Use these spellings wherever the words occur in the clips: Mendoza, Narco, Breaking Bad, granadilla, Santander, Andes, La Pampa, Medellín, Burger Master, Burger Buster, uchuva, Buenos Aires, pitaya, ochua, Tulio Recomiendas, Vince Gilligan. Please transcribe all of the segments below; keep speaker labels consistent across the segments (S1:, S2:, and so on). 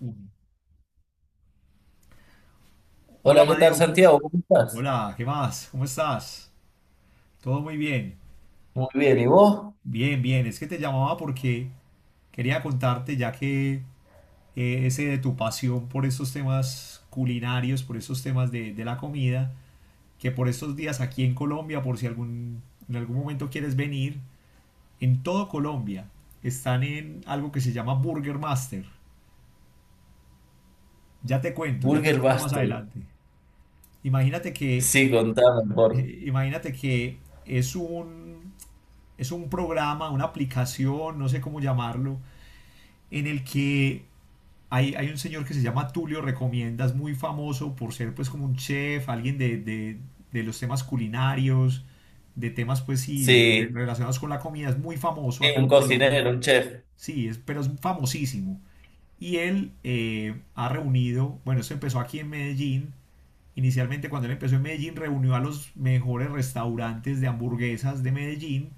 S1: Un- Hola,
S2: Hola, ¿qué tal,
S1: Madeo,
S2: Santiago? ¿Cómo estás?
S1: Hola, ¿qué más? ¿Cómo estás? Todo muy bien.
S2: Muy bien, ¿y vos?
S1: Bien, bien. Es que te llamaba porque quería contarte, ya que ese de tu pasión por estos temas culinarios, por estos temas de la comida, que por estos días aquí en Colombia, por si algún, en algún momento quieres venir, en todo Colombia están en algo que se llama Burger Master. Ya te
S2: Burger
S1: cuento más
S2: Buster.
S1: adelante. Imagínate que,
S2: Sí, contame, por.
S1: imagínate que es un es un programa, una aplicación, no sé cómo llamarlo, en el que hay un señor que se llama Tulio Recomiendas, muy famoso por ser pues como un chef, de los temas culinarios, de temas pues sí, de
S2: Sí,
S1: relacionados con la comida, es muy famoso
S2: sí,
S1: acá
S2: un
S1: en Colombia,
S2: cocinero, un chef.
S1: sí, es, pero es famosísimo. Y él ha reunido, bueno, esto empezó aquí en Medellín, inicialmente cuando él empezó en Medellín reunió a los mejores restaurantes de hamburguesas de Medellín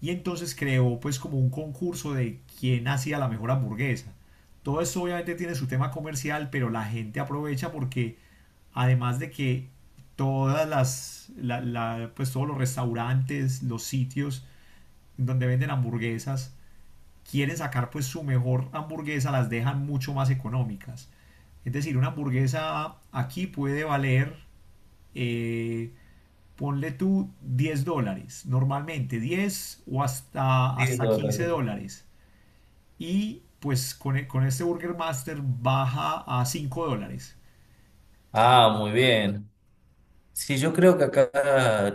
S1: y entonces creó pues como un concurso de quién hacía la mejor hamburguesa. Todo esto obviamente tiene su tema comercial, pero la gente aprovecha porque además de que todas las, la- la- pues todos los restaurantes, los sitios donde venden hamburguesas, quieren sacar pues su mejor hamburguesa, las dejan mucho más económicas. Es decir, una hamburguesa aquí puede valer eh, ponle tú $10, normalmente 10 o
S2: 10
S1: hasta 15
S2: dólares.
S1: dólares. Y pues con este Burger Master baja a $5.
S2: Ah, muy bien. Sí, yo creo que acá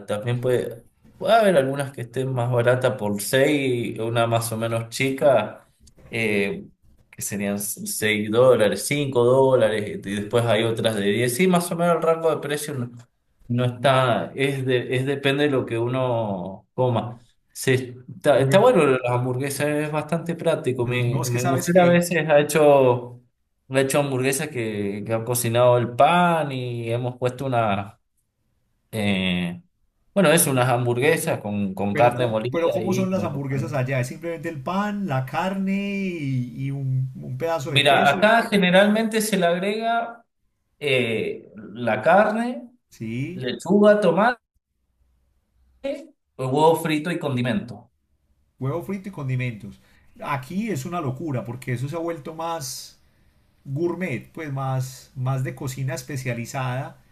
S2: también puede haber algunas que estén más baratas por 6, una más o menos chica, eh, que serían $6, $5, y después hay otras de 10. Sí, más o menos el rango de precio no está, es depende de lo que uno coma. Está,
S1: Lo que,
S2: está bueno las hamburguesas, es bastante práctico.
S1: no
S2: Mi,
S1: es que
S2: mi
S1: sabes
S2: mujer a
S1: que,
S2: veces ha hecho hamburguesas que ha cocinado el pan y hemos puesto una eh, bueno, es unas hamburguesas con
S1: pero,
S2: carne
S1: pero
S2: molida
S1: ¿cómo
S2: y
S1: son
S2: con
S1: las
S2: el
S1: hamburguesas
S2: acompañamiento.
S1: allá? Es simplemente el pan, la carne y un pedazo de
S2: Mira,
S1: queso,
S2: acá generalmente se le agrega la carne,
S1: ¿sí?
S2: lechuga, tomate, huevo frito y condimento.
S1: Huevo frito y condimentos. Aquí es una locura porque eso se ha vuelto más gourmet, pues más, más de cocina especializada.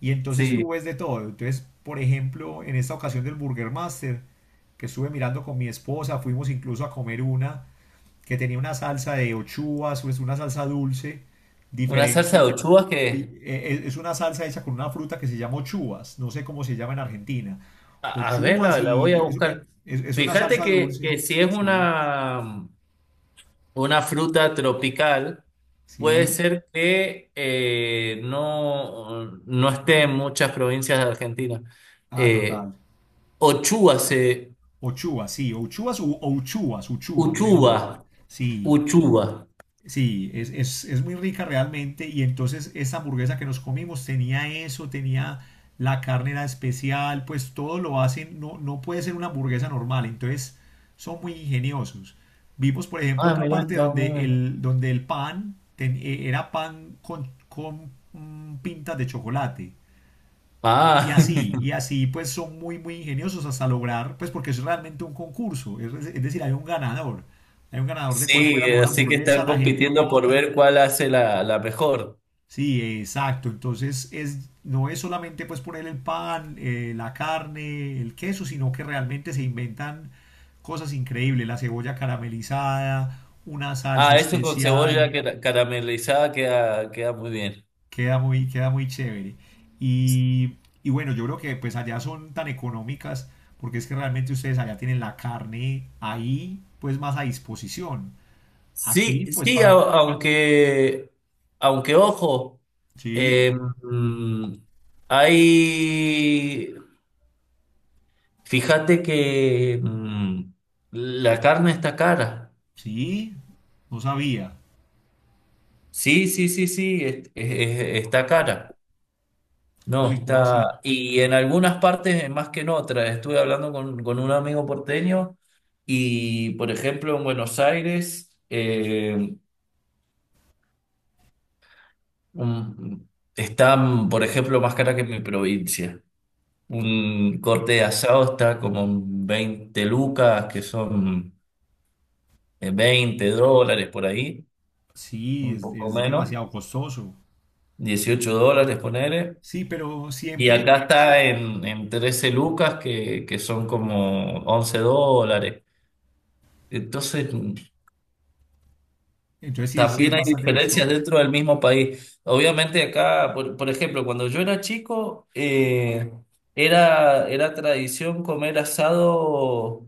S1: Y entonces
S2: Sí,
S1: tú ves de todo. Entonces, por ejemplo, en esta ocasión del Burger Master, que estuve mirando con mi esposa, fuimos incluso a comer una que tenía una salsa de ochuas, o es una salsa dulce,
S2: una salsa
S1: diferente.
S2: de ochugas
S1: Y es una salsa hecha con una fruta que se llama ochuas, no sé cómo se llama en Argentina.
S2: a ver,
S1: Ochuas
S2: la voy
S1: y
S2: a buscar.
S1: es una
S2: Fíjate
S1: salsa
S2: que,
S1: dulce.
S2: que si es
S1: Sí,
S2: una, fruta tropical, puede
S1: sí.
S2: ser que no esté en muchas provincias de Argentina.
S1: Ah,
S2: Eh,
S1: total.
S2: Ochuba se.
S1: Ochuas, sí, ochuas u o uchuvas, uchuvas,
S2: Uchuba.
S1: mejor. Sí.
S2: Uchuba.
S1: Sí, es muy rica realmente. Y entonces esa hamburguesa que nos comimos tenía eso, tenía la carne era especial, pues todo lo hacen, no, no puede ser una hamburguesa normal. Entonces son muy ingeniosos. Vimos, por ejemplo,
S2: Ah,
S1: otra
S2: mira,
S1: parte
S2: está muy bien.
S1: donde el pan era pan con pintas de chocolate.
S2: Ah,
S1: Y así pues son muy, muy ingeniosos hasta lograr, pues porque es realmente un concurso, es decir, hay un ganador de cuál
S2: sí,
S1: fuera mejor
S2: así que
S1: hamburguesa,
S2: están
S1: la gente
S2: compitiendo por
S1: vota.
S2: ver cuál hace la mejor.
S1: Sí, exacto. Entonces es, no es solamente pues poner el pan, la carne, el queso, sino que realmente se inventan cosas increíbles. La cebolla caramelizada, una salsa
S2: Ah, eso con
S1: especial.
S2: caramelizada queda muy bien.
S1: Queda muy chévere. Y, y bueno, yo creo que pues allá son tan económicas porque es que realmente ustedes allá tienen la carne ahí pues más a disposición. Aquí
S2: Sí,
S1: pues
S2: sí,
S1: para...
S2: aunque ojo,
S1: Sí,
S2: eh, mm, hay, fíjate que, la carne está cara.
S1: sí, no sabía.
S2: Sí, sí, sí, sí, está cara. No,
S1: Uy, ¿cómo así?
S2: está. Y en algunas partes, más que en otras, estuve hablando con un amigo porteño y, por ejemplo, en Buenos Aires un- está, por ejemplo, más cara que en mi provincia. Un corte de asado está como en 20 lucas, que son $20 por ahí,
S1: Sí,
S2: un poco
S1: es
S2: menos,
S1: demasiado costoso.
S2: $18, poner.
S1: Sí, pero
S2: Y
S1: siempre,
S2: acá está en 13 lucas, que son como $11. Entonces,
S1: entonces sí, sí es
S2: también hay
S1: bastante
S2: diferencias
S1: costoso.
S2: dentro del mismo país. Obviamente acá, por ejemplo, cuando yo era chico, era tradición comer asado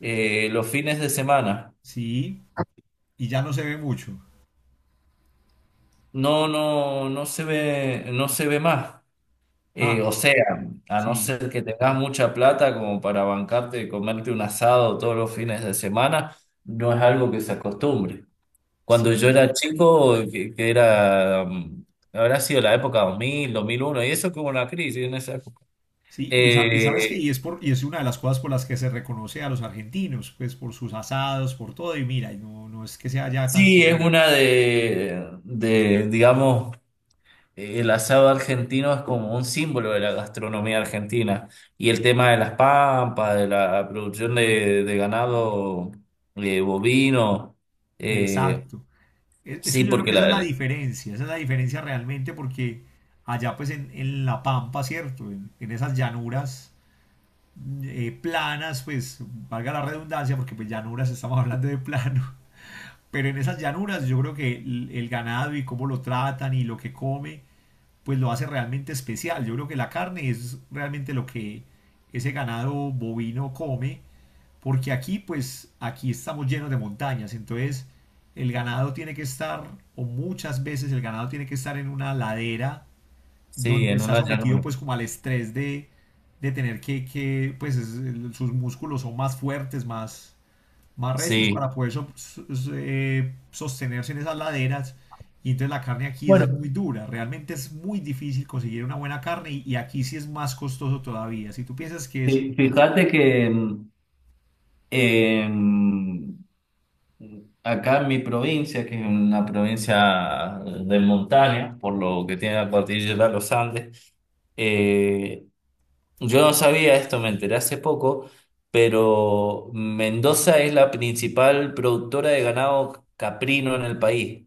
S2: los fines de semana.
S1: Sí, y ya no se ve mucho.
S2: No, no, no se ve más.
S1: Ah,
S2: O sea, a no
S1: sí,
S2: ser que tengas mucha plata como para bancarte y comerte un asado todos los fines de semana, no es algo que se acostumbre. Cuando yo
S1: sí,
S2: era chico, que era, habrá sido la época 2000 2001 y eso que hubo una crisis en esa época.
S1: sí. Y, y sabes que
S2: Eh,
S1: y es una de las cosas por las que se reconoce a los argentinos, pues por sus asados, por todo, y mira, y no, no es que sea ya tan
S2: sí, es
S1: común.
S2: una de, digamos, el asado argentino es como un símbolo de la gastronomía argentina. Y el tema de las pampas, de la producción de ganado bovino. eh,
S1: Exacto. Es que
S2: sí,
S1: yo creo
S2: porque
S1: que esa es la diferencia, esa es la diferencia realmente porque allá pues en La Pampa, ¿cierto? En esas llanuras planas, pues valga la redundancia, porque pues llanuras estamos hablando de plano, pero en esas llanuras yo creo que el ganado y cómo lo tratan y lo que come, pues lo hace realmente especial. Yo creo que la carne es realmente lo que ese ganado bovino come, porque aquí pues aquí estamos llenos de montañas, entonces el ganado tiene que estar, o muchas veces el ganado tiene que estar en una ladera
S2: sí,
S1: donde
S2: en
S1: está
S2: una
S1: sometido
S2: llanura.
S1: pues como al estrés de tener que pues sus músculos son más fuertes, más, más recios para
S2: Sí.
S1: poder sostenerse en esas laderas. Y entonces la carne aquí es muy
S2: Bueno,
S1: dura, realmente es muy difícil conseguir una buena carne y aquí sí es más costoso todavía. Si tú piensas que es
S2: fíjate que em, acá en mi provincia, que es una provincia de montaña, por lo que tiene la cordillera de los Andes, eh, yo no sabía esto, me enteré hace poco, pero Mendoza es la principal productora de ganado caprino en el país,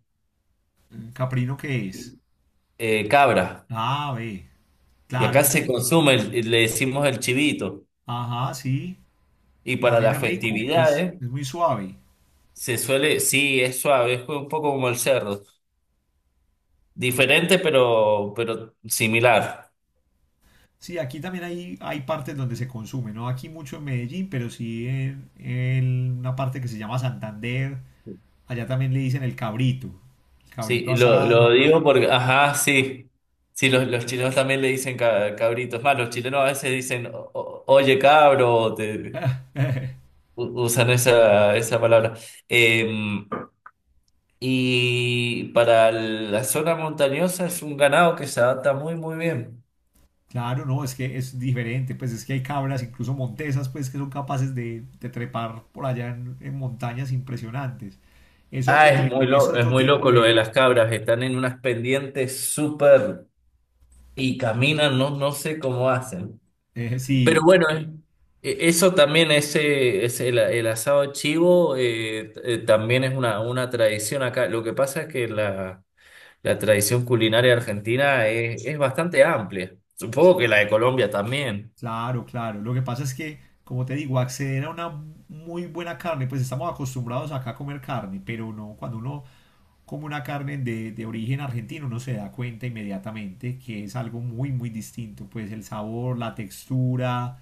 S1: mm, caprino, ¿qué es?
S2: cabra.
S1: Ah, ve,
S2: Y acá
S1: claro,
S2: se consume, le decimos el chivito.
S1: ajá, sí,
S2: Y para
S1: también
S2: las
S1: es rico,
S2: festividades
S1: es muy suave.
S2: se suele, sí, es suave, es un poco como el cerdo. Diferente, pero, similar.
S1: Sí, aquí también hay partes donde se consume, no aquí mucho en Medellín, pero sí en una parte que se llama Santander. Allá también le dicen el cabrito
S2: Sí, Claro, lo
S1: asado.
S2: digo porque, ajá, sí. Sí, los chilenos también le dicen cabritos. Más, los chilenos a veces dicen, Oye, cabro, o te, usan esa palabra". Em, y para la zona montañosa es un ganado que se adapta muy, muy bien.
S1: Claro, no, es que es diferente, pues es que hay cabras, incluso montesas, pues que son capaces de trepar por allá en montañas impresionantes.
S2: Ah, es
S1: Es
S2: es
S1: otro
S2: muy
S1: tipo
S2: loco lo de
S1: de...
S2: las cabras, están en unas pendientes súper y caminan, no sé cómo hacen. Pero
S1: sí.
S2: bueno, eso también, el asado chivo también es una tradición acá. Lo que pasa es que la... La tradición culinaria argentina es bastante amplia. Supongo que la de Colombia también.
S1: Claro, claro. Lo que pasa es que, como te digo, acceder a una muy buena carne, pues estamos acostumbrados acá a comer carne, pero no, cuando uno come una carne de origen argentino, uno se da cuenta inmediatamente que es algo muy, muy distinto. Pues el sabor, la textura,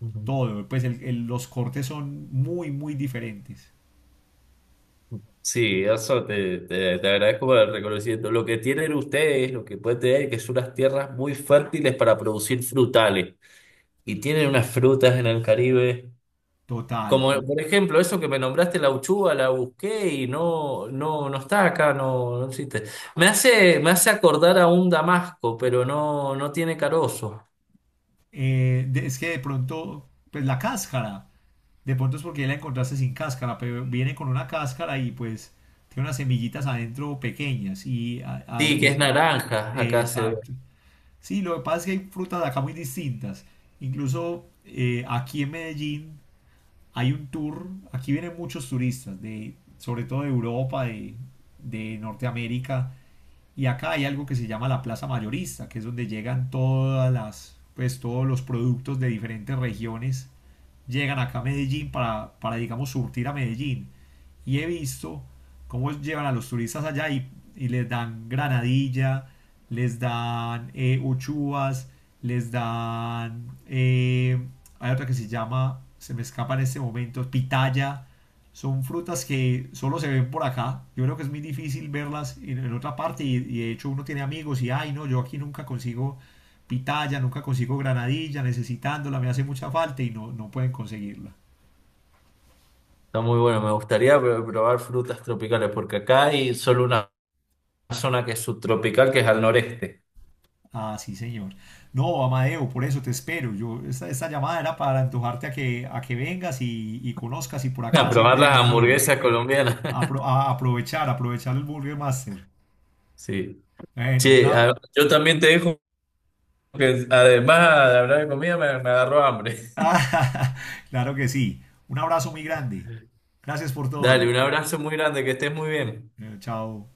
S2: Ujú.
S1: todo. Pues los cortes son muy, muy diferentes.
S2: Sí, eso te agradezco por el reconocimiento. Lo que tienen ustedes, lo que pueden tener, que son unas tierras muy fértiles para producir frutales. Y tienen unas frutas en el Caribe.
S1: Total.
S2: Como por ejemplo, eso que me nombraste, la uchuva, la busqué y no está acá, no existe. Me hace acordar a un damasco, pero no tiene carozo.
S1: Es que de pronto, pues la cáscara, de pronto es porque ya la encontraste sin cáscara, pero viene con una cáscara y pues tiene unas semillitas adentro pequeñas y
S2: Sí, que
S1: es,
S2: es naranja, acá se.
S1: exacto. Sí, lo que pasa es que hay frutas acá muy distintas. Incluso aquí en Medellín hay un tour, aquí vienen muchos turistas, de, sobre todo de Europa, de Norteamérica, y acá hay algo que se llama la plaza mayorista, que es donde llegan pues todos los productos de diferentes regiones, llegan acá a Medellín para digamos, surtir a Medellín y he visto cómo llevan a los turistas allá y les dan granadilla, les dan uchuvas, les dan... hay otra que se llama, se me escapa en este momento, pitaya. Son frutas que solo se ven por acá. Yo creo que es muy difícil verlas en otra parte y de hecho uno tiene amigos y, ay, no, yo aquí nunca consigo pitaya, nunca consigo granadilla, necesitándola, me hace mucha falta y no, no pueden conseguirla.
S2: Está muy bueno, me gustaría probar frutas tropicales, porque acá hay solo una zona que es subtropical, que es al noreste.
S1: Ah, sí, señor. No, Amadeo, por eso te espero. Yo, esta llamada era para antojarte a a que vengas y conozcas y por
S2: A
S1: acá
S2: probar
S1: siempre
S2: las
S1: bienvenido.
S2: hamburguesas colombianas.
S1: Apro- a aprovechar, aprovechar el Burger Master.
S2: Sí.
S1: Bueno,
S2: Che,
S1: una...
S2: yo también te dejo, que además de hablar de comida, me agarró hambre.
S1: Ah, claro que sí. Un abrazo muy grande. Gracias por todo.
S2: Dale, un abrazo muy grande, que estés muy bien.
S1: Chao.